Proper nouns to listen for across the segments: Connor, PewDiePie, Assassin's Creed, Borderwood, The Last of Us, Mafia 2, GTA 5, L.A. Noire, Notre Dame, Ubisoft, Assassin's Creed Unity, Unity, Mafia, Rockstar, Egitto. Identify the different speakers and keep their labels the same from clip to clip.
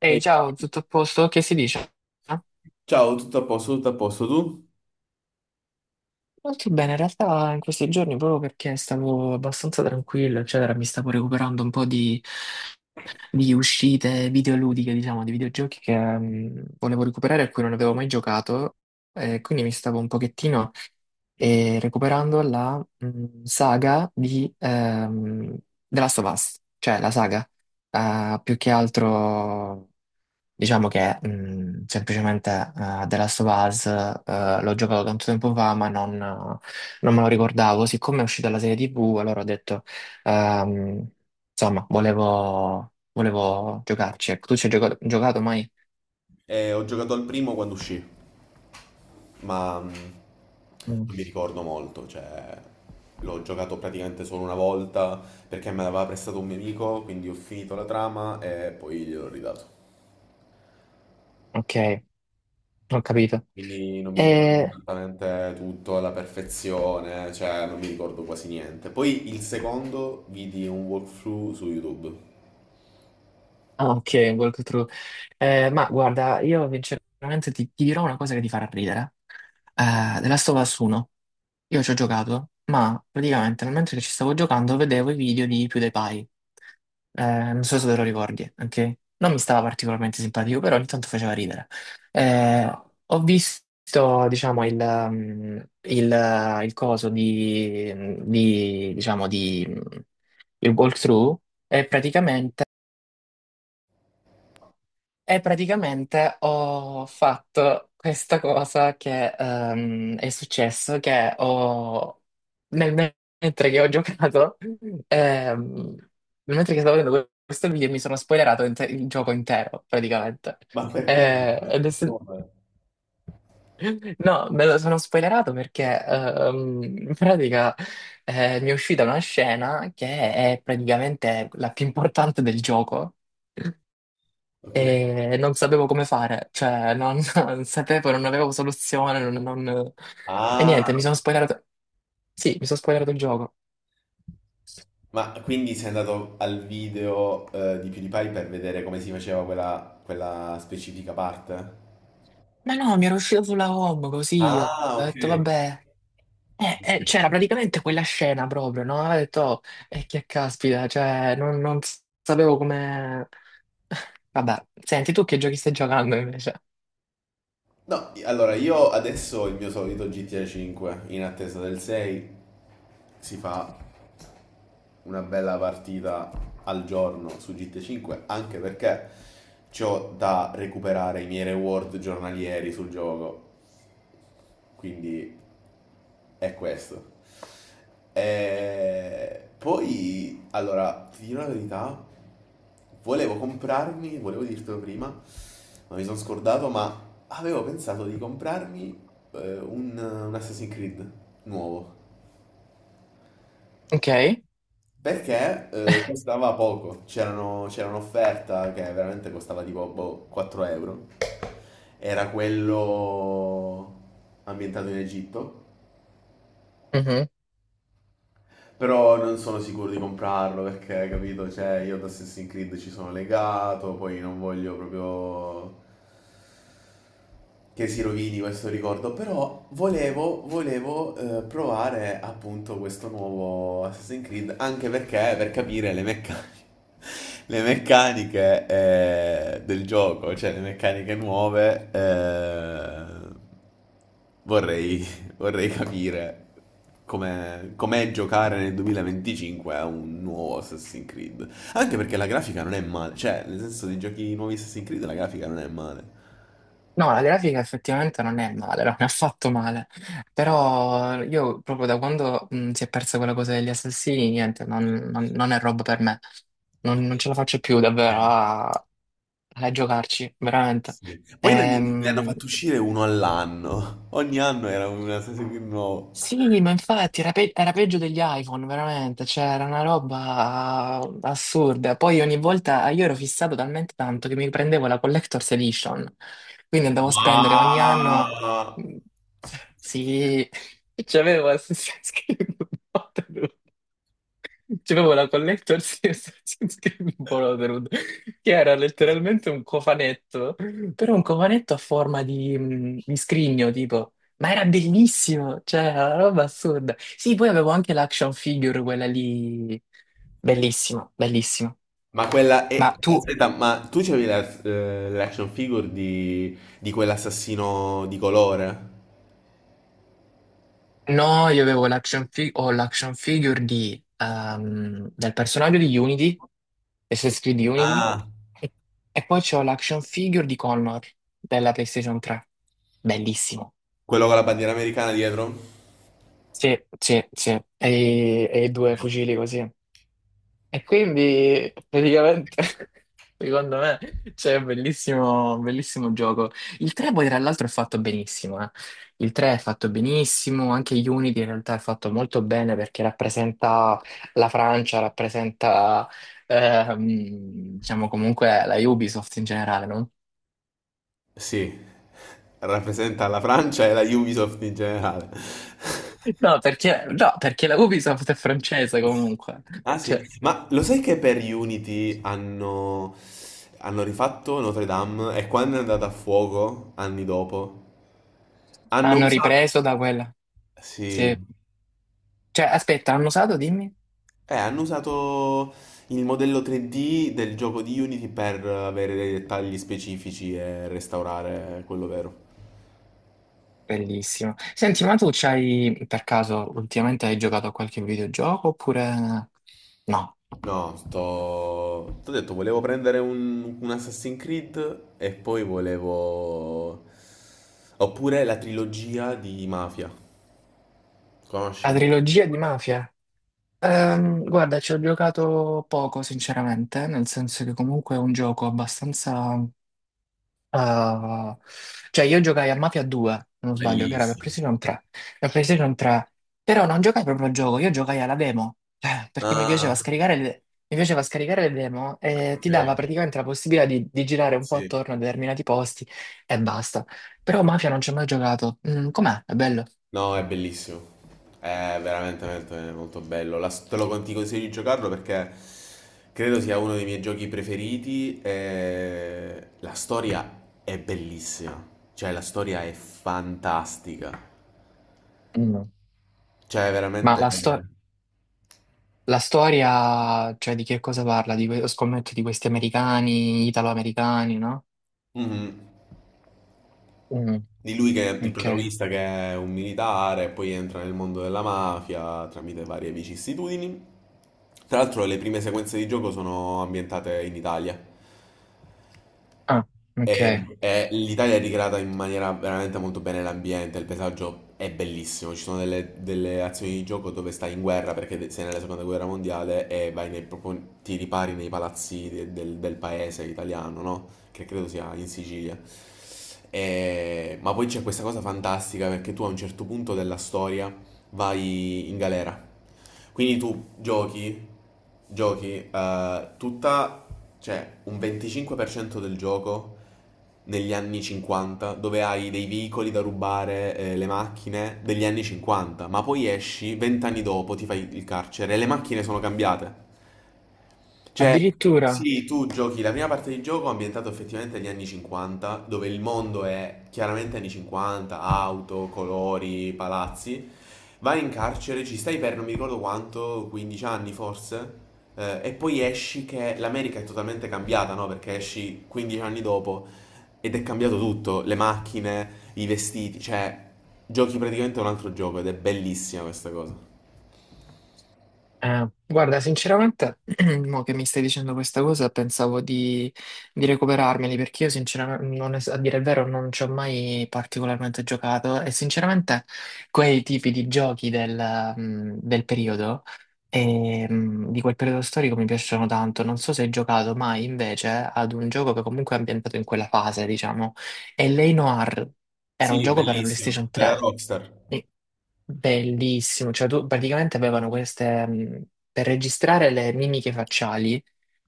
Speaker 1: Ehi,
Speaker 2: Ehi,
Speaker 1: ciao, tutto a posto? Che si dice? Ah,
Speaker 2: ciao, tutto a posto tu?
Speaker 1: molto bene, in realtà in questi giorni proprio perché stavo abbastanza tranquillo, eccetera, mi stavo recuperando un po' di uscite videoludiche, diciamo, di videogiochi che volevo recuperare e a cui non avevo mai giocato, e quindi mi stavo un pochettino recuperando la saga di The Last of Us, cioè la saga, più che altro. Diciamo che semplicemente The Last of Us l'ho giocato tanto tempo fa, ma non me lo ricordavo. Siccome è uscita la serie TV, allora ho detto, ehm, insomma, volevo giocarci. Ecco, tu ci hai giocato mai?
Speaker 2: Ho giocato al primo quando uscì, ma
Speaker 1: Mm,
Speaker 2: non mi ricordo molto, cioè l'ho giocato praticamente solo una volta perché me l'aveva prestato un mio amico, quindi ho finito la trama e poi gliel'ho ridato.
Speaker 1: ok, ho capito.
Speaker 2: Quindi non mi ricordo
Speaker 1: E...
Speaker 2: esattamente tutto alla perfezione, cioè non mi ricordo quasi niente. Poi il secondo vidi un walkthrough su YouTube.
Speaker 1: ah, ok, walkthrough. Ma guarda, io sinceramente ti dirò una cosa che ti farà ridere. The Last of Us 1. Io ci ho giocato, ma praticamente nel mentre che ci stavo giocando vedevo i video di PewDiePie. Eh, Non so se te lo ricordi, ok? Non mi stava particolarmente simpatico, però ogni tanto faceva ridere. Ho visto, diciamo, il, il coso di, diciamo, di, il walkthrough e praticamente e praticamente ho fatto questa cosa che è successo, nel mentre che ho giocato, ehm, nel mentre che stavo vedendo questo video mi sono spoilerato il gioco intero, praticamente.
Speaker 2: Ma perché?
Speaker 1: Ed è se-
Speaker 2: Come?
Speaker 1: No, me lo sono spoilerato perché in pratica mi è uscita una scena che è praticamente la più importante del gioco
Speaker 2: Ok.
Speaker 1: e non sapevo come fare, cioè non, non sapevo, non avevo soluzione, e
Speaker 2: Ah,
Speaker 1: niente, mi sono spoilerato, sì, mi sono spoilerato il gioco.
Speaker 2: ma quindi sei andato al video di PewDiePie per vedere come si faceva quella, quella specifica parte?
Speaker 1: Ma no, mi era uscito sulla home così, ho
Speaker 2: Ah, ok.
Speaker 1: detto vabbè, c'era praticamente quella scena proprio, no? Ho detto, oh, e che caspita, cioè non sapevo come... Vabbè, senti, tu che giochi stai giocando invece?
Speaker 2: No, allora io adesso ho il mio solito GTA 5 in attesa del 6. Si fa una bella partita al giorno su GTA 5 anche perché c'ho da recuperare i miei reward giornalieri sul gioco. Quindi è questo. Poi, allora, ti dirò la verità, volevo comprarmi, volevo dirtelo prima, ma mi sono scordato, ma avevo pensato di comprarmi eh, un, un Assassin's Creed nuovo.
Speaker 1: Ok?
Speaker 2: Perché costava poco, c'era un'offerta che veramente costava tipo boh, 4 euro. Era quello ambientato in Egitto. Però non sono sicuro di comprarlo perché, capito, cioè io ad Assassin's Creed ci sono legato, poi non voglio proprio che si rovini questo ricordo, però volevo, volevo provare appunto questo nuovo Assassin's Creed, anche perché per capire le meccaniche, le meccaniche del gioco, cioè le meccaniche nuove, vorrei, vorrei capire com'è, com'è giocare nel 2025 a un nuovo Assassin's Creed. Anche perché la grafica non è male, cioè nel senso di giochi nuovi Assassin's Creed la grafica non è male.
Speaker 1: No, la grafica effettivamente non è male, non è affatto male, però io proprio da quando si è persa quella cosa degli assassini, niente, non è roba per me, non ce la faccio più davvero a giocarci, veramente.
Speaker 2: Sì. Ne hanno
Speaker 1: Ehm,
Speaker 2: fatto uscire uno all'anno. Ogni anno era un Assassin's Creed nuovo.
Speaker 1: Sì, ma infatti era, era peggio degli iPhone, veramente, cioè era una roba assurda. Poi ogni volta io ero fissato talmente tanto che mi prendevo la Collector's Edition, quindi andavo a
Speaker 2: Ma,
Speaker 1: spendere ogni anno... mm, sì, c'avevo Assassin's Creed. C'è proprio la collector Series Borderwood, che era letteralmente un cofanetto, però un cofanetto a forma di scrigno, tipo. Ma era bellissimo, cioè, era una roba assurda. Sì, poi avevo anche l'action figure, quella lì, bellissima, bellissima.
Speaker 2: ma quella è...
Speaker 1: Ma tu
Speaker 2: Aspetta, ma tu c'avevi la- l'action figure di quell'assassino di colore?
Speaker 1: No, io avevo l'action ho l'action figure di, del personaggio di Unity, Assassin's Creed Unity,
Speaker 2: Ah.
Speaker 1: e, e poi c'ho l'action figure di Connor della PlayStation 3. Bellissimo.
Speaker 2: Quello con la bandiera americana dietro?
Speaker 1: Sì, sì, sì. E i due fucili così. E quindi praticamente, secondo me, c'è un bellissimo gioco. Il 3 poi tra l'altro è fatto benissimo, eh. Il 3 è fatto benissimo, anche Unity in realtà è fatto molto bene perché rappresenta la Francia, rappresenta, diciamo comunque la Ubisoft in generale, no?
Speaker 2: Sì. Rappresenta la Francia e la Ubisoft in generale.
Speaker 1: No, perché, no, perché la Ubisoft è francese comunque.
Speaker 2: Ah sì,
Speaker 1: Cioè,
Speaker 2: ma lo sai che per Unity hanno, hanno rifatto Notre Dame e quando è andata a fuoco, anni dopo, hanno
Speaker 1: hanno
Speaker 2: usato...
Speaker 1: ripreso da quella.
Speaker 2: Sì,
Speaker 1: Sì. Cioè, aspetta, hanno usato, dimmi.
Speaker 2: hanno usato il modello 3D del gioco di Unity per avere dei dettagli specifici e restaurare quello vero.
Speaker 1: Bellissimo. Senti, ma tu c'hai, per caso, ultimamente hai giocato a qualche videogioco oppure no?
Speaker 2: No, sto... T'ho detto, volevo prendere un Assassin's Creed e poi volevo... Oppure la trilogia di Mafia.
Speaker 1: La
Speaker 2: Conosci?
Speaker 1: trilogia di Mafia? Guarda, ci ho giocato poco, sinceramente, nel senso che comunque è un gioco abbastanza... Ah, cioè io giocai a Mafia 2, se non sbaglio, che era per
Speaker 2: Bellissimo.
Speaker 1: PlayStation 3, per PlayStation 3, però non giocai proprio al gioco, io giocai alla demo, perché mi piaceva
Speaker 2: Ah,
Speaker 1: scaricare le, mi piaceva scaricare le demo e ti dava
Speaker 2: eh,
Speaker 1: praticamente la possibilità di girare un po'
Speaker 2: sì.
Speaker 1: attorno a determinati posti e basta. Però Mafia non ci ho mai giocato. Mm, com'è? È bello?
Speaker 2: No, è bellissimo. È veramente, veramente molto bello. La- te lo con- ti consiglio di giocarlo perché credo sia uno dei miei giochi preferiti. E la storia è bellissima. Cioè, la storia è fantastica.
Speaker 1: Mm.
Speaker 2: Cioè,
Speaker 1: Ma
Speaker 2: veramente.
Speaker 1: la,
Speaker 2: Eh.
Speaker 1: sto- la storia, cioè di che cosa parla? Di scommetto di questi americani, italo-americani, no?
Speaker 2: Mhm.
Speaker 1: Mm,
Speaker 2: Di lui che è il
Speaker 1: ok.
Speaker 2: protagonista che è un militare, poi entra nel mondo della mafia tramite varie vicissitudini. Tra l'altro le prime sequenze di gioco sono ambientate in Italia.
Speaker 1: Ah, ok.
Speaker 2: E l'Italia è ricreata in maniera veramente molto bene, l'ambiente, il paesaggio è bellissimo, ci sono delle, delle azioni di gioco dove stai in guerra perché sei nella seconda guerra mondiale e vai nei, proprio, ti ripari nei palazzi del paese italiano, no? Che credo sia in Sicilia. Ma poi c'è questa cosa fantastica perché tu a un certo punto della storia vai in galera. Quindi tu giochi, giochi eh, tutta, cioè un 25% del gioco negli anni 50, dove hai dei veicoli da rubare, le macchine degli anni 50, ma poi esci 20 anni dopo, ti fai il carcere e le macchine sono cambiate. Cioè,
Speaker 1: Addirittura,
Speaker 2: sì, tu giochi la prima parte di gioco ambientato effettivamente agli anni 50, dove il mondo è chiaramente anni 50, auto, colori, palazzi. Vai in carcere, ci stai per non mi ricordo quanto, 15 anni forse, e poi esci che l'America è totalmente cambiata, no? Perché esci 15 anni dopo ed è cambiato tutto, le macchine, i vestiti, cioè giochi praticamente un altro gioco ed è bellissima questa cosa.
Speaker 1: guarda, sinceramente, mo che mi stai dicendo questa cosa, pensavo di recuperarmeli perché io, sinceramente, non es- a dire il vero, non ci ho mai particolarmente giocato e, sinceramente, quei tipi di giochi del, del periodo, di quel periodo storico mi piacciono tanto. Non so se hai giocato mai invece ad un gioco che comunque è ambientato in quella fase, diciamo, e L.A. Noire era un
Speaker 2: Sì,
Speaker 1: gioco per la
Speaker 2: bellissimo,
Speaker 1: PlayStation
Speaker 2: della
Speaker 1: 3.
Speaker 2: Rockstar.
Speaker 1: Bellissimo, cioè tu praticamente avevano queste, per registrare le mimiche facciali,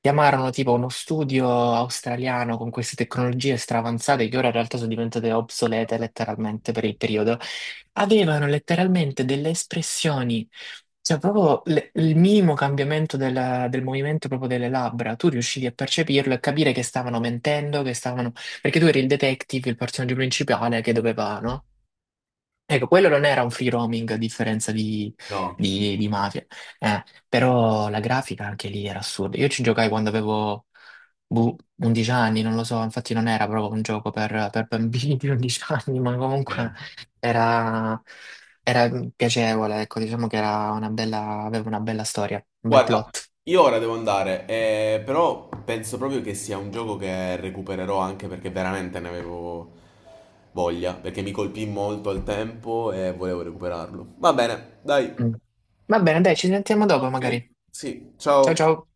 Speaker 1: chiamarono tipo uno studio australiano con queste tecnologie straavanzate che ora in realtà sono diventate obsolete letteralmente per il periodo, avevano letteralmente delle espressioni, cioè proprio il minimo cambiamento del, del movimento proprio delle labbra, tu riuscivi a percepirlo e capire che stavano mentendo, che stavano... perché tu eri il detective, il personaggio principale che doveva, no? Ecco, quello non era un free roaming a differenza di,
Speaker 2: No.
Speaker 1: di Mafia, eh, però la grafica anche lì era assurda. Io ci giocai quando avevo boh, 11 anni, non lo so, infatti non era proprio un gioco per bambini di 11 anni, ma comunque era, era piacevole, ecco, diciamo che era una bella, aveva una bella storia, un bel
Speaker 2: Guarda,
Speaker 1: plot.
Speaker 2: io ora devo andare, però penso proprio che sia un gioco che recupererò anche perché veramente ne avevo voglia, perché mi colpì molto al tempo e volevo recuperarlo. Va bene, dai,
Speaker 1: Mm. Va bene, dai, ci sentiamo dopo magari.
Speaker 2: sì,
Speaker 1: Ciao
Speaker 2: ciao.
Speaker 1: ciao.